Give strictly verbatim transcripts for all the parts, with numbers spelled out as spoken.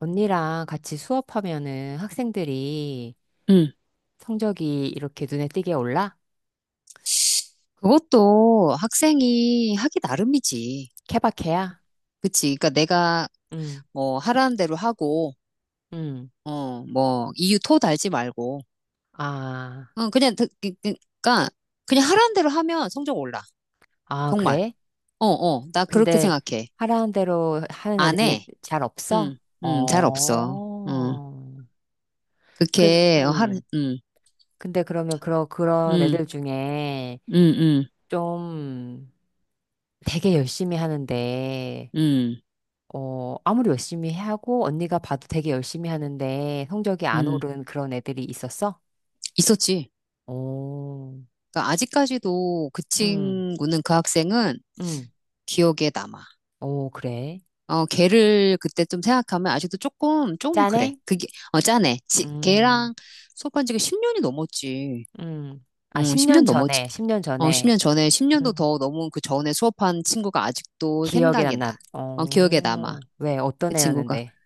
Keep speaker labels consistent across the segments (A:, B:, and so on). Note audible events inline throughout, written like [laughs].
A: 언니랑 같이 수업하면은 학생들이
B: 응,
A: 성적이 이렇게 눈에 띄게 올라?
B: 그것도 학생이 하기 나름이지.
A: 케바케야?
B: 그치? 그러니까 내가
A: 응,
B: 뭐 하라는 대로 하고,
A: 응.
B: 어, 뭐 이유 토 달지 말고,
A: 아,
B: 어, 그냥 그- 그- 그러니까 그냥 하라는 대로 하면 성적 올라.
A: 아,
B: 정말.
A: 그래?
B: 어, 어, 나 그렇게
A: 근데
B: 생각해.
A: 하라는 대로 하는
B: 안
A: 애들이
B: 해.
A: 잘 없어?
B: 응, 응, 잘 없어. 어,
A: 어. 그,
B: 그렇게 하,
A: 음.
B: 응,
A: 근데 그러면 그러, 그런
B: 응,
A: 애들 중에
B: 응, 응,
A: 좀 되게 열심히 하는데,
B: 응,
A: 어, 아무리 열심히 하고 언니가 봐도 되게 열심히 하는데 성적이 안
B: 응,
A: 오른 그런 애들이 있었어?
B: 있었지.
A: 오,
B: 그러니까 아직까지도 그
A: 음,
B: 친구는 그 학생은
A: 음,
B: 기억에 남아.
A: 오, 그래.
B: 어, 걔를 그때 좀 생각하면 아직도 조금, 조금 그래.
A: 짠해?
B: 그게, 어, 짠해. 지,
A: 음,
B: 걔랑 수업한 지가 십 년이 넘었지.
A: 음. 아,
B: 응, 십 년
A: 십 년
B: 넘었지.
A: 전에, 십 년
B: 어,
A: 전에.
B: 십 년 전에, 십 년도
A: 음,
B: 더 넘은 그 전에 수업한 친구가 아직도
A: 기억에
B: 생각이 나.
A: 남나.
B: 어, 기억에 남아.
A: 어, 왜,
B: 그
A: 어떤
B: 친구가.
A: 애였는데?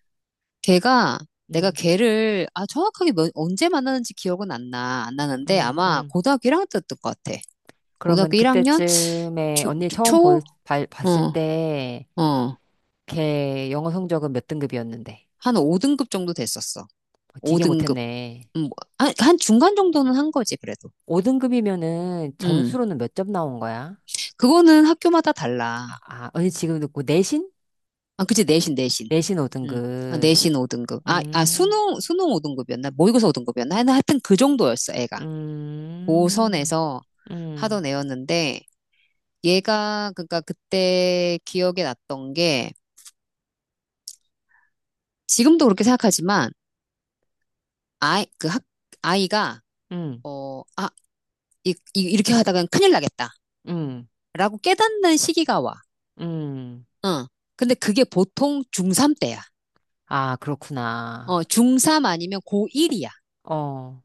B: 걔가, 내가
A: 음,
B: 걔를, 아, 정확하게 몇- 언제 만났는지 기억은 안 나. 안 나는데
A: 음,
B: 아마
A: 음.
B: 고등학교 일 학년 때였던 것 같아.
A: 그러면
B: 고등학교 일 학년?
A: 그때쯤에
B: 초,
A: 언니 처음
B: 초?
A: 볼, 발- 봤을
B: 어,
A: 때,
B: 어.
A: 걔 영어 성적은 몇 등급이었는데?
B: 한 오 등급 정도 됐었어.
A: 어, 되게
B: 오 등급.
A: 못했네.
B: 음, 뭐, 한, 한 중간 정도는 한 거지, 그래도.
A: 오 등급이면은
B: 음,
A: 점수로는 몇 점 나온 거야?
B: 그거는 학교마다 달라.
A: 아, 언니 지금 듣고 내신?
B: 아, 그치, 내신, 내신.
A: 내신
B: 음, 아,
A: 오 등급.
B: 내신 오 등급. 아, 아,
A: 음.
B: 수능, 수능 오 등급이었나? 모의고사 오 등급이었나? 하여튼 하여튼 그 정도였어, 애가.
A: 음,
B: 고선에서
A: 음,
B: 하던 애였는데, 얘가, 그러니까 그때 기억에 났던 게, 지금도 그렇게 생각하지만, 아이, 그 학, 아이가,
A: 음,
B: 어, 아, 이, 이, 이렇게 하다간 큰일 나겠다
A: 음,
B: 라고 깨닫는 시기가 와.
A: 음.
B: 응. 근데 그게 보통 중삼 때야.
A: 아,
B: 어,
A: 그렇구나.
B: 중삼 아니면 고일이야.
A: 어.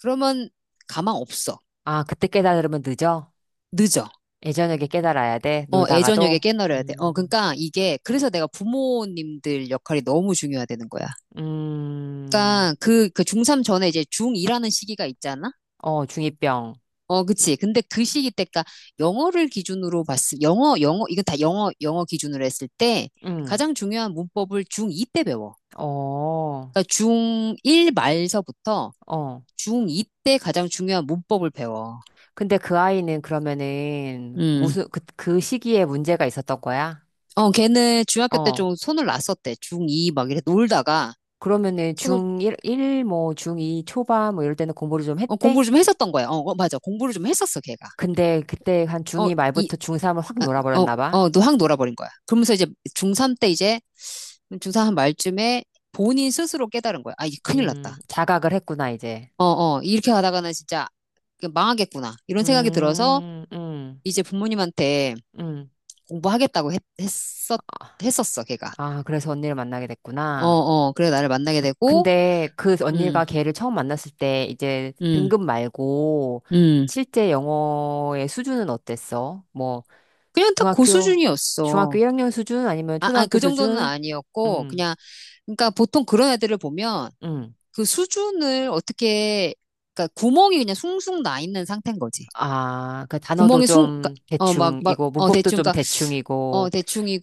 B: 그러면 가망 없어.
A: 아, 그때 깨달으면 늦어?
B: 늦어.
A: 예전에게 깨달아야 돼?
B: 어, 애저녁에
A: 놀다가도?
B: 깨너려야 돼. 어,
A: 음,
B: 그러니까 이게, 그래서 내가 부모님들 역할이 너무 중요하다는 거야.
A: 음,
B: 그러니까 그, 그 중삼 전에 이제 중이라는 시기가 있잖아?
A: 어, 중이병.
B: 어, 그치. 근데 그 시기 때가 영어를 기준으로 봤을, 영어, 영어, 이건 다 영어, 영어 기준으로 했을 때
A: 음,
B: 가장 중요한 문법을 중이 때 배워.
A: 어,
B: 그러니까 중일 말서부터
A: 어.
B: 중이 때 가장 중요한 문법을 배워.
A: 근데 그 아이는 그러면은
B: 음.
A: 무슨, 그, 그 시기에 문제가 있었던 거야?
B: 어, 걔는 중학교 때
A: 어.
B: 좀 손을 놨었대. 중이 막 이래 놀다가
A: 그러면은
B: 손을,
A: 중일, 일 뭐, 중이 초반 뭐 이럴 때는 공부를 좀
B: 어,
A: 했대?
B: 공부를 좀 했었던 거야. 어, 어, 맞아. 공부를 좀 했었어, 걔가.
A: 근데 그때 한
B: 어,
A: 중이
B: 이,
A: 말부터 중삼을 확
B: 아, 어,
A: 놀아버렸나 봐.
B: 어, 너 확 놀아버린 거야. 그러면서 이제 중3 때 이제, 중삼 한 말쯤에 본인 스스로 깨달은 거야. 아, 이게 큰일 났다.
A: 음, 자각을 했구나, 이제.
B: 어, 어, 이렇게 가다가는 진짜 그 망하겠구나. 이런 생각이 들어서
A: 음, 음,
B: 이제 부모님한테
A: 음.
B: 공부하겠다고 했, 했었, 했었어, 걔가.
A: 아, 그래서 언니를 만나게
B: 어,
A: 됐구나.
B: 어, 그래 나를 만나게 되고,
A: 근데 그 언니가
B: 음,
A: 걔를 처음 만났을 때 이제
B: 음,
A: 등급 말고
B: 음.
A: 실제 영어의 수준은 어땠어? 뭐
B: 그냥 딱 그
A: 중학교 중학교
B: 수준이었어.
A: 일 학년 수준 아니면
B: 아, 아,
A: 초등학교
B: 그 정도는
A: 수준?
B: 아니었고,
A: 음.
B: 그냥, 그러니까 보통 그런 애들을 보면
A: 음.
B: 그 수준을 어떻게, 그러니까 구멍이 그냥 숭숭 나 있는 상태인 거지.
A: 아, 그 단어도
B: 구멍이 숭, 그러니까,
A: 좀
B: 어, 막, 막,
A: 대충이고,
B: 어,
A: 문법도
B: 대충,
A: 좀
B: 그러니까, 어,
A: 대충이고,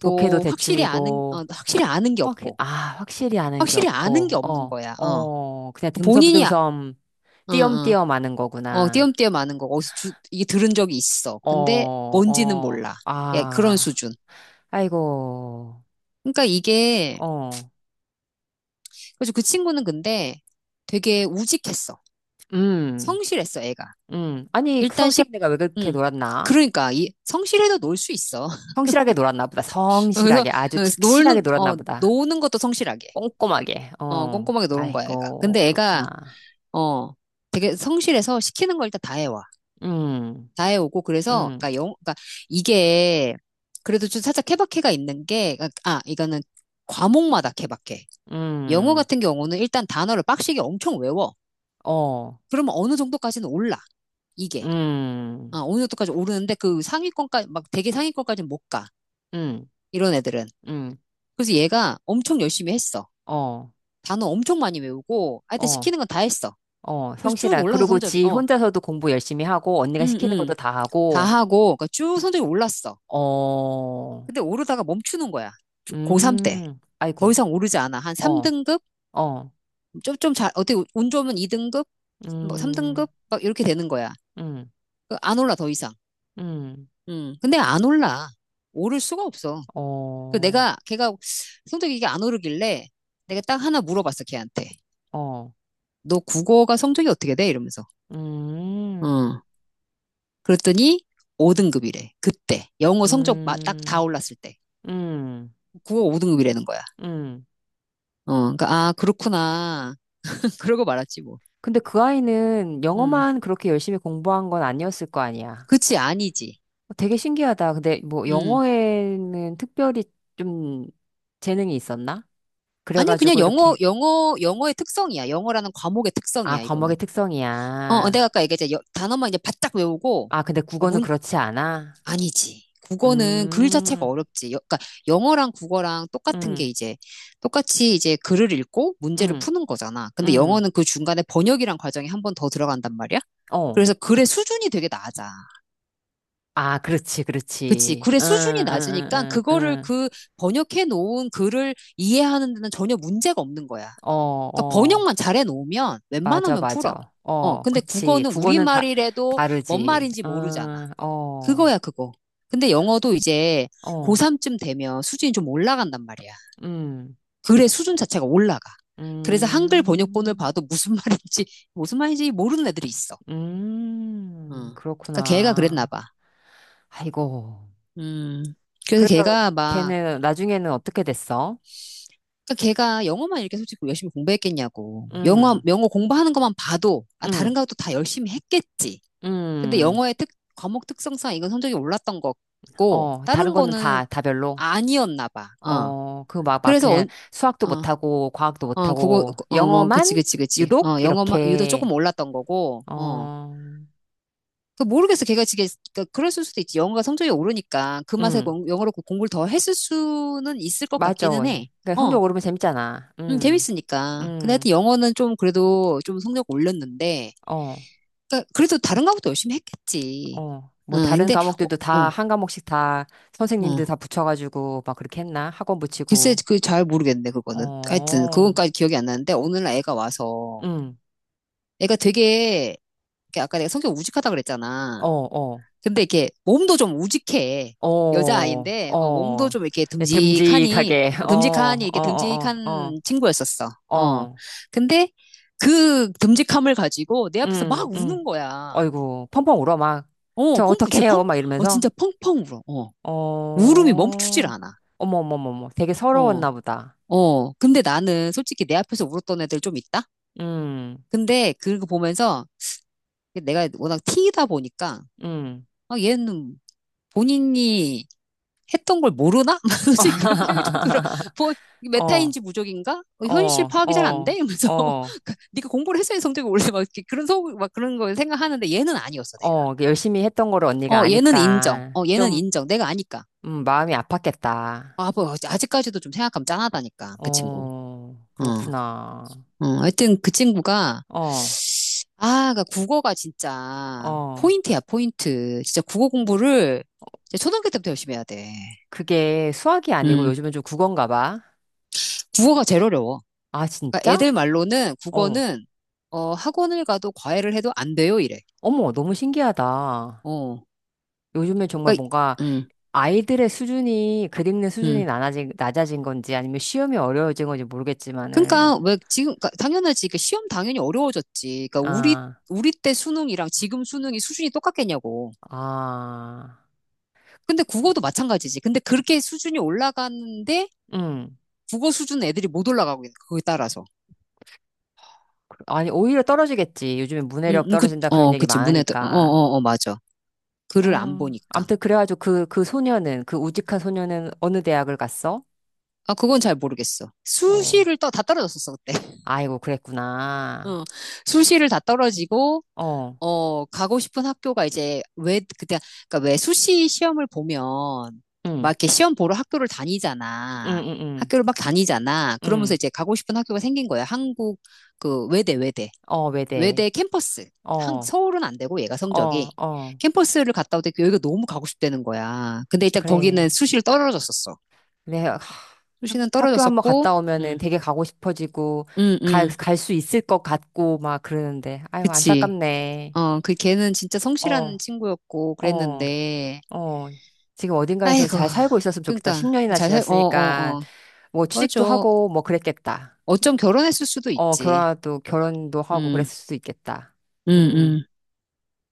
A: 독해도
B: 확실히 아는,
A: 대충이고,
B: 어, 확실히 아는 게
A: 확,
B: 없고,
A: 아, 확실히 아는 게
B: 확실히 아는 게
A: 없고,
B: 없는
A: 어,
B: 거야, 어.
A: 어, 그냥
B: 본인이, 아,
A: 듬성듬성,
B: 어, 어,
A: 띄엄띄엄 아는
B: 어,
A: 거구나.
B: 띄엄띄엄 아는 거, 어디서 주, 이게 들은 적이 있어.
A: 어,
B: 근데 뭔지는
A: 어,
B: 몰라. 야, 그런
A: 아,
B: 수준.
A: 아이고,
B: 그러니까 이게,
A: 어,
B: 그래서 그 친구는 근데 되게 우직했어.
A: 음,
B: 성실했어, 애가.
A: 음. 아니, 그
B: 일단 식,
A: 성실한 애가 왜 그렇게
B: 음.
A: 놀았나?
B: 그러니까 이 성실해도 놀 수 있어.
A: 성실하게 놀았나 보다.
B: [laughs] 그래서
A: 성실하게,
B: 어,
A: 아주 착실하게
B: 놀는 어
A: 놀았나 보다.
B: 노는 것도 성실하게
A: 꼼꼼하게,
B: 어
A: 어,
B: 꼼꼼하게 노는 거야 애가.
A: 아이고,
B: 근데 애가
A: 그렇구나.
B: 어 되게 성실해서 시키는 걸 일단 다 해와.
A: 음,
B: 다 해오고 그래서
A: 음,
B: 그러니까 영 그러니까 이게 그래도 좀 살짝 케바케가 있는 게 그러니까, 아 이거는 과목마다 케바케. 영어
A: 음,
B: 같은 경우는 일단 단어를 빡시게 엄청 외워.
A: 어,
B: 그러면 어느 정도까지는 올라 이게.
A: 음,
B: 아, 어느 정도까지 오르는데 그 상위권까지 막 되게 상위권까지는 못 가.
A: 음,
B: 이런 애들은.
A: 음,
B: 그래서 얘가 엄청 열심히 했어.
A: 어,
B: 단어 엄청 많이 외우고, 하여튼
A: 어,
B: 시키는 건 다 했어.
A: 어,
B: 그래서 쭉
A: 성실한.
B: 올라서
A: 그리고
B: 성적이,
A: 지
B: 어,
A: 혼자서도 공부 열심히 하고, 언니가
B: 응,
A: 시키는
B: 응,
A: 것도 다
B: 다
A: 하고,
B: 하고, 그러니까 쭉 성적이 올랐어.
A: 어,
B: 근데 오르다가 멈추는 거야. 고삼 때.
A: 음,
B: 더
A: 아이고,
B: 이상 오르지 않아. 한
A: 어,
B: 삼 등급?
A: 어,
B: 좀, 좀 잘, 어떻게, 운 좋으면 이 등급? 뭐
A: 음,
B: 삼 등급? 막 이렇게 되는 거야.
A: 음,
B: 그안 올라, 더 이상.
A: 음,
B: 음, 근데 안 올라. 오를 수가 없어. 그
A: 어,
B: 내가, 걔가 성적이 이게 안 오르길래 내가 딱 하나 물어봤어, 걔한테.
A: 어,
B: 너 국어가 성적이 어떻게 돼? 이러면서.
A: 음,
B: 어. 그랬더니 오 등급이래. 그때. 영어 성적 딱 다
A: 음,
B: 올랐을 때.
A: 음,
B: 국어 오 등급이라는 거야.
A: 음.
B: 어, 그러니까 아, 그렇구나. [laughs] 그러고 말았지 뭐.
A: 근데 그 아이는
B: 음.
A: 영어만 그렇게 열심히 공부한 건 아니었을 거 아니야.
B: 그치, 아니지.
A: 어, 되게 신기하다. 근데 뭐
B: 음.
A: 영어에는 특별히 좀 재능이 있었나?
B: 아니, 그냥
A: 그래가지고
B: 영어,
A: 이렇게.
B: 영어, 영어의 특성이야. 영어라는 과목의
A: 아,
B: 특성이야, 이거는.
A: 과목의
B: 어, 어,
A: 특성이야.
B: 내가 아까 얘기했잖아. 여- 단어만 이제 바짝 외우고,
A: 아, 근데
B: 어,
A: 국어는
B: 문,
A: 그렇지 않아?
B: 아니지. 국어는 글 자체가
A: 음,
B: 어렵지. 여- 그러니까 영어랑 국어랑 똑같은 게
A: 음,
B: 이제, 똑같이 이제 글을 읽고 문제를
A: 음,
B: 푸는 거잖아. 근데
A: 음,
B: 영어는 그 중간에 번역이란 과정이 한 번 더 들어간단 말이야.
A: 어.
B: 그래서 글의 수준이 되게 낮아.
A: 아, 그렇지,
B: 그치.
A: 그렇지.
B: 글의
A: 응,
B: 수준이
A: 응,
B: 낮으니까
A: 응,
B: 그거를
A: 응,
B: 그 번역해 놓은 글을 이해하는 데는 전혀 문제가 없는 거야.
A: 응. 어,
B: 그러니까
A: 어.
B: 번역만 잘해 놓으면
A: 맞아,
B: 웬만하면 풀어.
A: 맞아.
B: 어,
A: 어,
B: 근데
A: 그치.
B: 국어는
A: 국어는 다,
B: 우리말이라도 뭔
A: 다르지.
B: 말인지 모르잖아.
A: 응, 어,
B: 그거야, 그거. 근데 영어도 이제
A: 어,
B: 고삼쯤 되면 수준이 좀 올라간단 말이야.
A: 음,
B: 글의 수준 자체가 올라가. 그래서 한글 번역본을
A: 음.
B: 봐도 무슨 [laughs] 말인지, 무슨 말인지 모르는 애들이 있어. 어.
A: 음,
B: 그러니까 걔가 그랬나
A: 그렇구나.
B: 봐.
A: 아이고.
B: 음. 그래서
A: 그래서
B: 걔가 막
A: 걔는 나중에는 어떻게 됐어?
B: 그러니까 걔가 영어만 이렇게 솔직히 열심히 공부했겠냐고. 영어,
A: 음,
B: 영어 공부하는 것만 봐도, 아, 다른
A: 음,
B: 것도 다 열심히 했겠지. 근데
A: 음.
B: 영어의 특, 과목 특성상 이건 성적이 올랐던 거고,
A: 어, 다른
B: 다른
A: 거는
B: 거는
A: 다, 다 별로.
B: 아니었나 봐. 어.
A: 어, 그 막, 막
B: 그래서, 어,
A: 그냥 수학도
B: 어,
A: 못하고, 과학도
B: 어, 그거,
A: 못하고,
B: 어, 뭐, 그치,
A: 영어만
B: 그치, 그치.
A: 유독
B: 어, 영어만, 유도
A: 이렇게,
B: 조금 올랐던 거고, 어.
A: 어,
B: 그 모르겠어. 걔가 지게, 그러니까 그랬을 수도 있지. 영어가 성적이 오르니까 그 맛에
A: 음,
B: 공- 영어로 공부를 더 했을 수는 있을 것
A: 맞아.
B: 같기는 해.
A: 그러니까
B: 어.
A: 성적 오르면 재밌잖아.
B: 음,
A: 음,
B: 재밌으니까. 근데
A: 음,
B: 하여튼 영어는 좀 그래도 좀 성적 올렸는데,
A: 어.
B: 그러니까 그래도 다른 과목도 열심히 했겠지.
A: 어,
B: 어,
A: 뭐 다른
B: 근데, 어,
A: 과목들도 다
B: 어,
A: 한 과목씩 다
B: 어.
A: 선생님들 다 붙여가지고 막 그렇게 했나? 학원
B: 글쎄,
A: 붙이고.
B: 그 잘 모르겠네, 그거는. 하여튼,
A: 어,
B: 그건까지 기억이 안 나는데, 오늘날 애가 와서,
A: 응,
B: 애가 되게, 이렇게 아까 내가 성격 우직하다 그랬잖아.
A: 어, 어,
B: 근데 이렇게 몸도 좀 우직해.
A: 어,
B: 여자아이인데 어, 몸도
A: 어.
B: 좀 이렇게
A: 네,
B: 듬직하니
A: 듬직하게,
B: 어,
A: 어,
B: 듬직하니
A: 어,
B: 이렇게
A: 어, 어,
B: 듬직한 친구였었어.
A: 어,
B: 어.
A: 어,
B: 근데 그 듬직함을 가지고 내 앞에서
A: 응,
B: 막 우는
A: 응.
B: 거야.
A: 어이구, 펑펑 울어, 막.
B: 어,
A: 저
B: 펑펑 진짜 펑
A: 어떡해요? 막
B: 어, 진짜
A: 이러면서.
B: 펑펑 울어. 어.
A: 어,
B: 울음이 멈추질 않아.
A: 어머, 어머, 어머, 어머. 되게
B: 어.
A: 서러웠나 보다.
B: 어. 근데 나는 솔직히 내 앞에서 울었던 애들 좀 있다.
A: 음,
B: 근데 그거 보면서 내가 워낙 T이다 보니까
A: 음.
B: 아, 얘는 본인이 했던 걸 모르나? [laughs] 그런 생각이 좀 들어.
A: [laughs]
B: 뭐, 메타인지
A: 어.
B: 무적인가? 어,
A: 어,
B: 현실 파악이 잘 안 돼?
A: 어,
B: 이러면서.
A: 어,
B: [laughs] 네가 공부를 했어야 성적이 올래. 막 그런 소, 막 그런 걸 생각하는데 얘는 아니었어, 내가.
A: 어. 그 열심히 했던 거를 언니가
B: 어, 얘는 인정.
A: 아니까
B: 어, 얘는
A: 좀
B: 인정. 내가 아니까.
A: 음, 마음이 아팠겠다.
B: 아, 뭐, 아직까지도 좀 생각하면 짠하다니까, 그 친구.
A: 어,
B: 어,
A: 그렇구나.
B: 어, 하여튼 그 친구가,
A: 어,
B: 아, 그러니까 국어가 진짜
A: 어.
B: 포인트야, 포인트. 진짜 국어 공부를 진짜 초등학교 때부터 열심히 해야 돼.
A: 그게 수학이 아니고
B: 음,
A: 요즘은 좀 국어인가 봐.
B: 국어가 제일 어려워.
A: 아,
B: 그러니까
A: 진짜?
B: 애들 말로는
A: 어.
B: 국어는 어, 학원을 가도 과외를 해도 안 돼요, 이래.
A: 어머, 너무 신기하다.
B: 어.
A: 요즘에 정말
B: 그러니까
A: 뭔가
B: 음.
A: 아이들의 수준이, 글 읽는 수준이
B: 음.
A: 낮아진, 낮아진 건지 아니면 시험이 어려워진 건지 모르겠지만은,
B: 그러니까 왜 지금 그러니까 당연하지. 그러니까 시험 당연히 어려워졌지. 그러니까 우리
A: 아,
B: 우리 때 수능이랑 지금 수능이 수준이 똑같겠냐고.
A: 아,
B: 근데 국어도 마찬가지지. 근데 그렇게 수준이 올라가는데
A: 응.
B: 국어 수준 애들이 못 올라가고 있는 거야, 그거에 따라서.
A: 아니, 오히려 떨어지겠지. 요즘에
B: 음,
A: 문해력
B: 음, 그,
A: 떨어진다 그런
B: 어,
A: 얘기
B: 그치. 문해도 어,
A: 많으니까.
B: 어, 어, 맞아. 글을 안
A: 어,
B: 보니까.
A: 암튼 그래가지고 그, 그 소녀는, 그 우직한 소녀는 어느 대학을 갔어?
B: 아, 그건 잘 모르겠어.
A: 어,
B: 수시를 떠, 다 떨어졌었어, 그때. [laughs]
A: 아이고, 그랬구나.
B: 어. 수시를 다 떨어지고
A: 어,
B: 어, 가고 싶은 학교가 이제 왜 그때 그러니까 왜 수시 시험을 보면 막
A: 응,
B: 이렇게 시험 보러 학교를
A: 응,
B: 다니잖아.
A: 응, 응,
B: 학교를 막 다니잖아. 그러면서
A: 응.
B: 이제 가고 싶은 학교가 생긴 거야. 한국 그 외대 외대
A: 어, 외대.
B: 외대 캠퍼스.
A: 어,
B: 한 서울은 안 되고 얘가
A: 어,
B: 성적이
A: 어,
B: 캠퍼스를 갔다 오더니 여기가 너무 가고 싶다는 거야. 근데 일단 거기는
A: 그래.
B: 수시를 떨어졌었어.
A: 내가 하-
B: 수시는
A: 학교 한번
B: 떨어졌었고,
A: 갔다 오면은
B: 음,
A: 되게 가고 싶어지고,
B: 음,
A: 갈,
B: 음,
A: 갈 수 있을 것 같고, 막 그러는데. 아유,
B: 그치.
A: 안타깝네.
B: 어, 그 걔는 진짜
A: 어,
B: 성실한 친구였고
A: 어.
B: 그랬는데.
A: 어, 지금 어딘가에서
B: 아이고,
A: 잘 살고 있었으면 좋겠다.
B: 그러니까
A: 십 년이나
B: 잘 살, 어, 어,
A: 지났으니까,
B: 어,
A: 뭐,
B: 맞아.
A: 취직도 하고, 뭐, 그랬겠다.
B: 어쩜 결혼했을 수도
A: 어,
B: 있지.
A: 결혼도, 결혼도 하고,
B: 음,
A: 그랬을 수도 있겠다.
B: 음,
A: 음.
B: 음.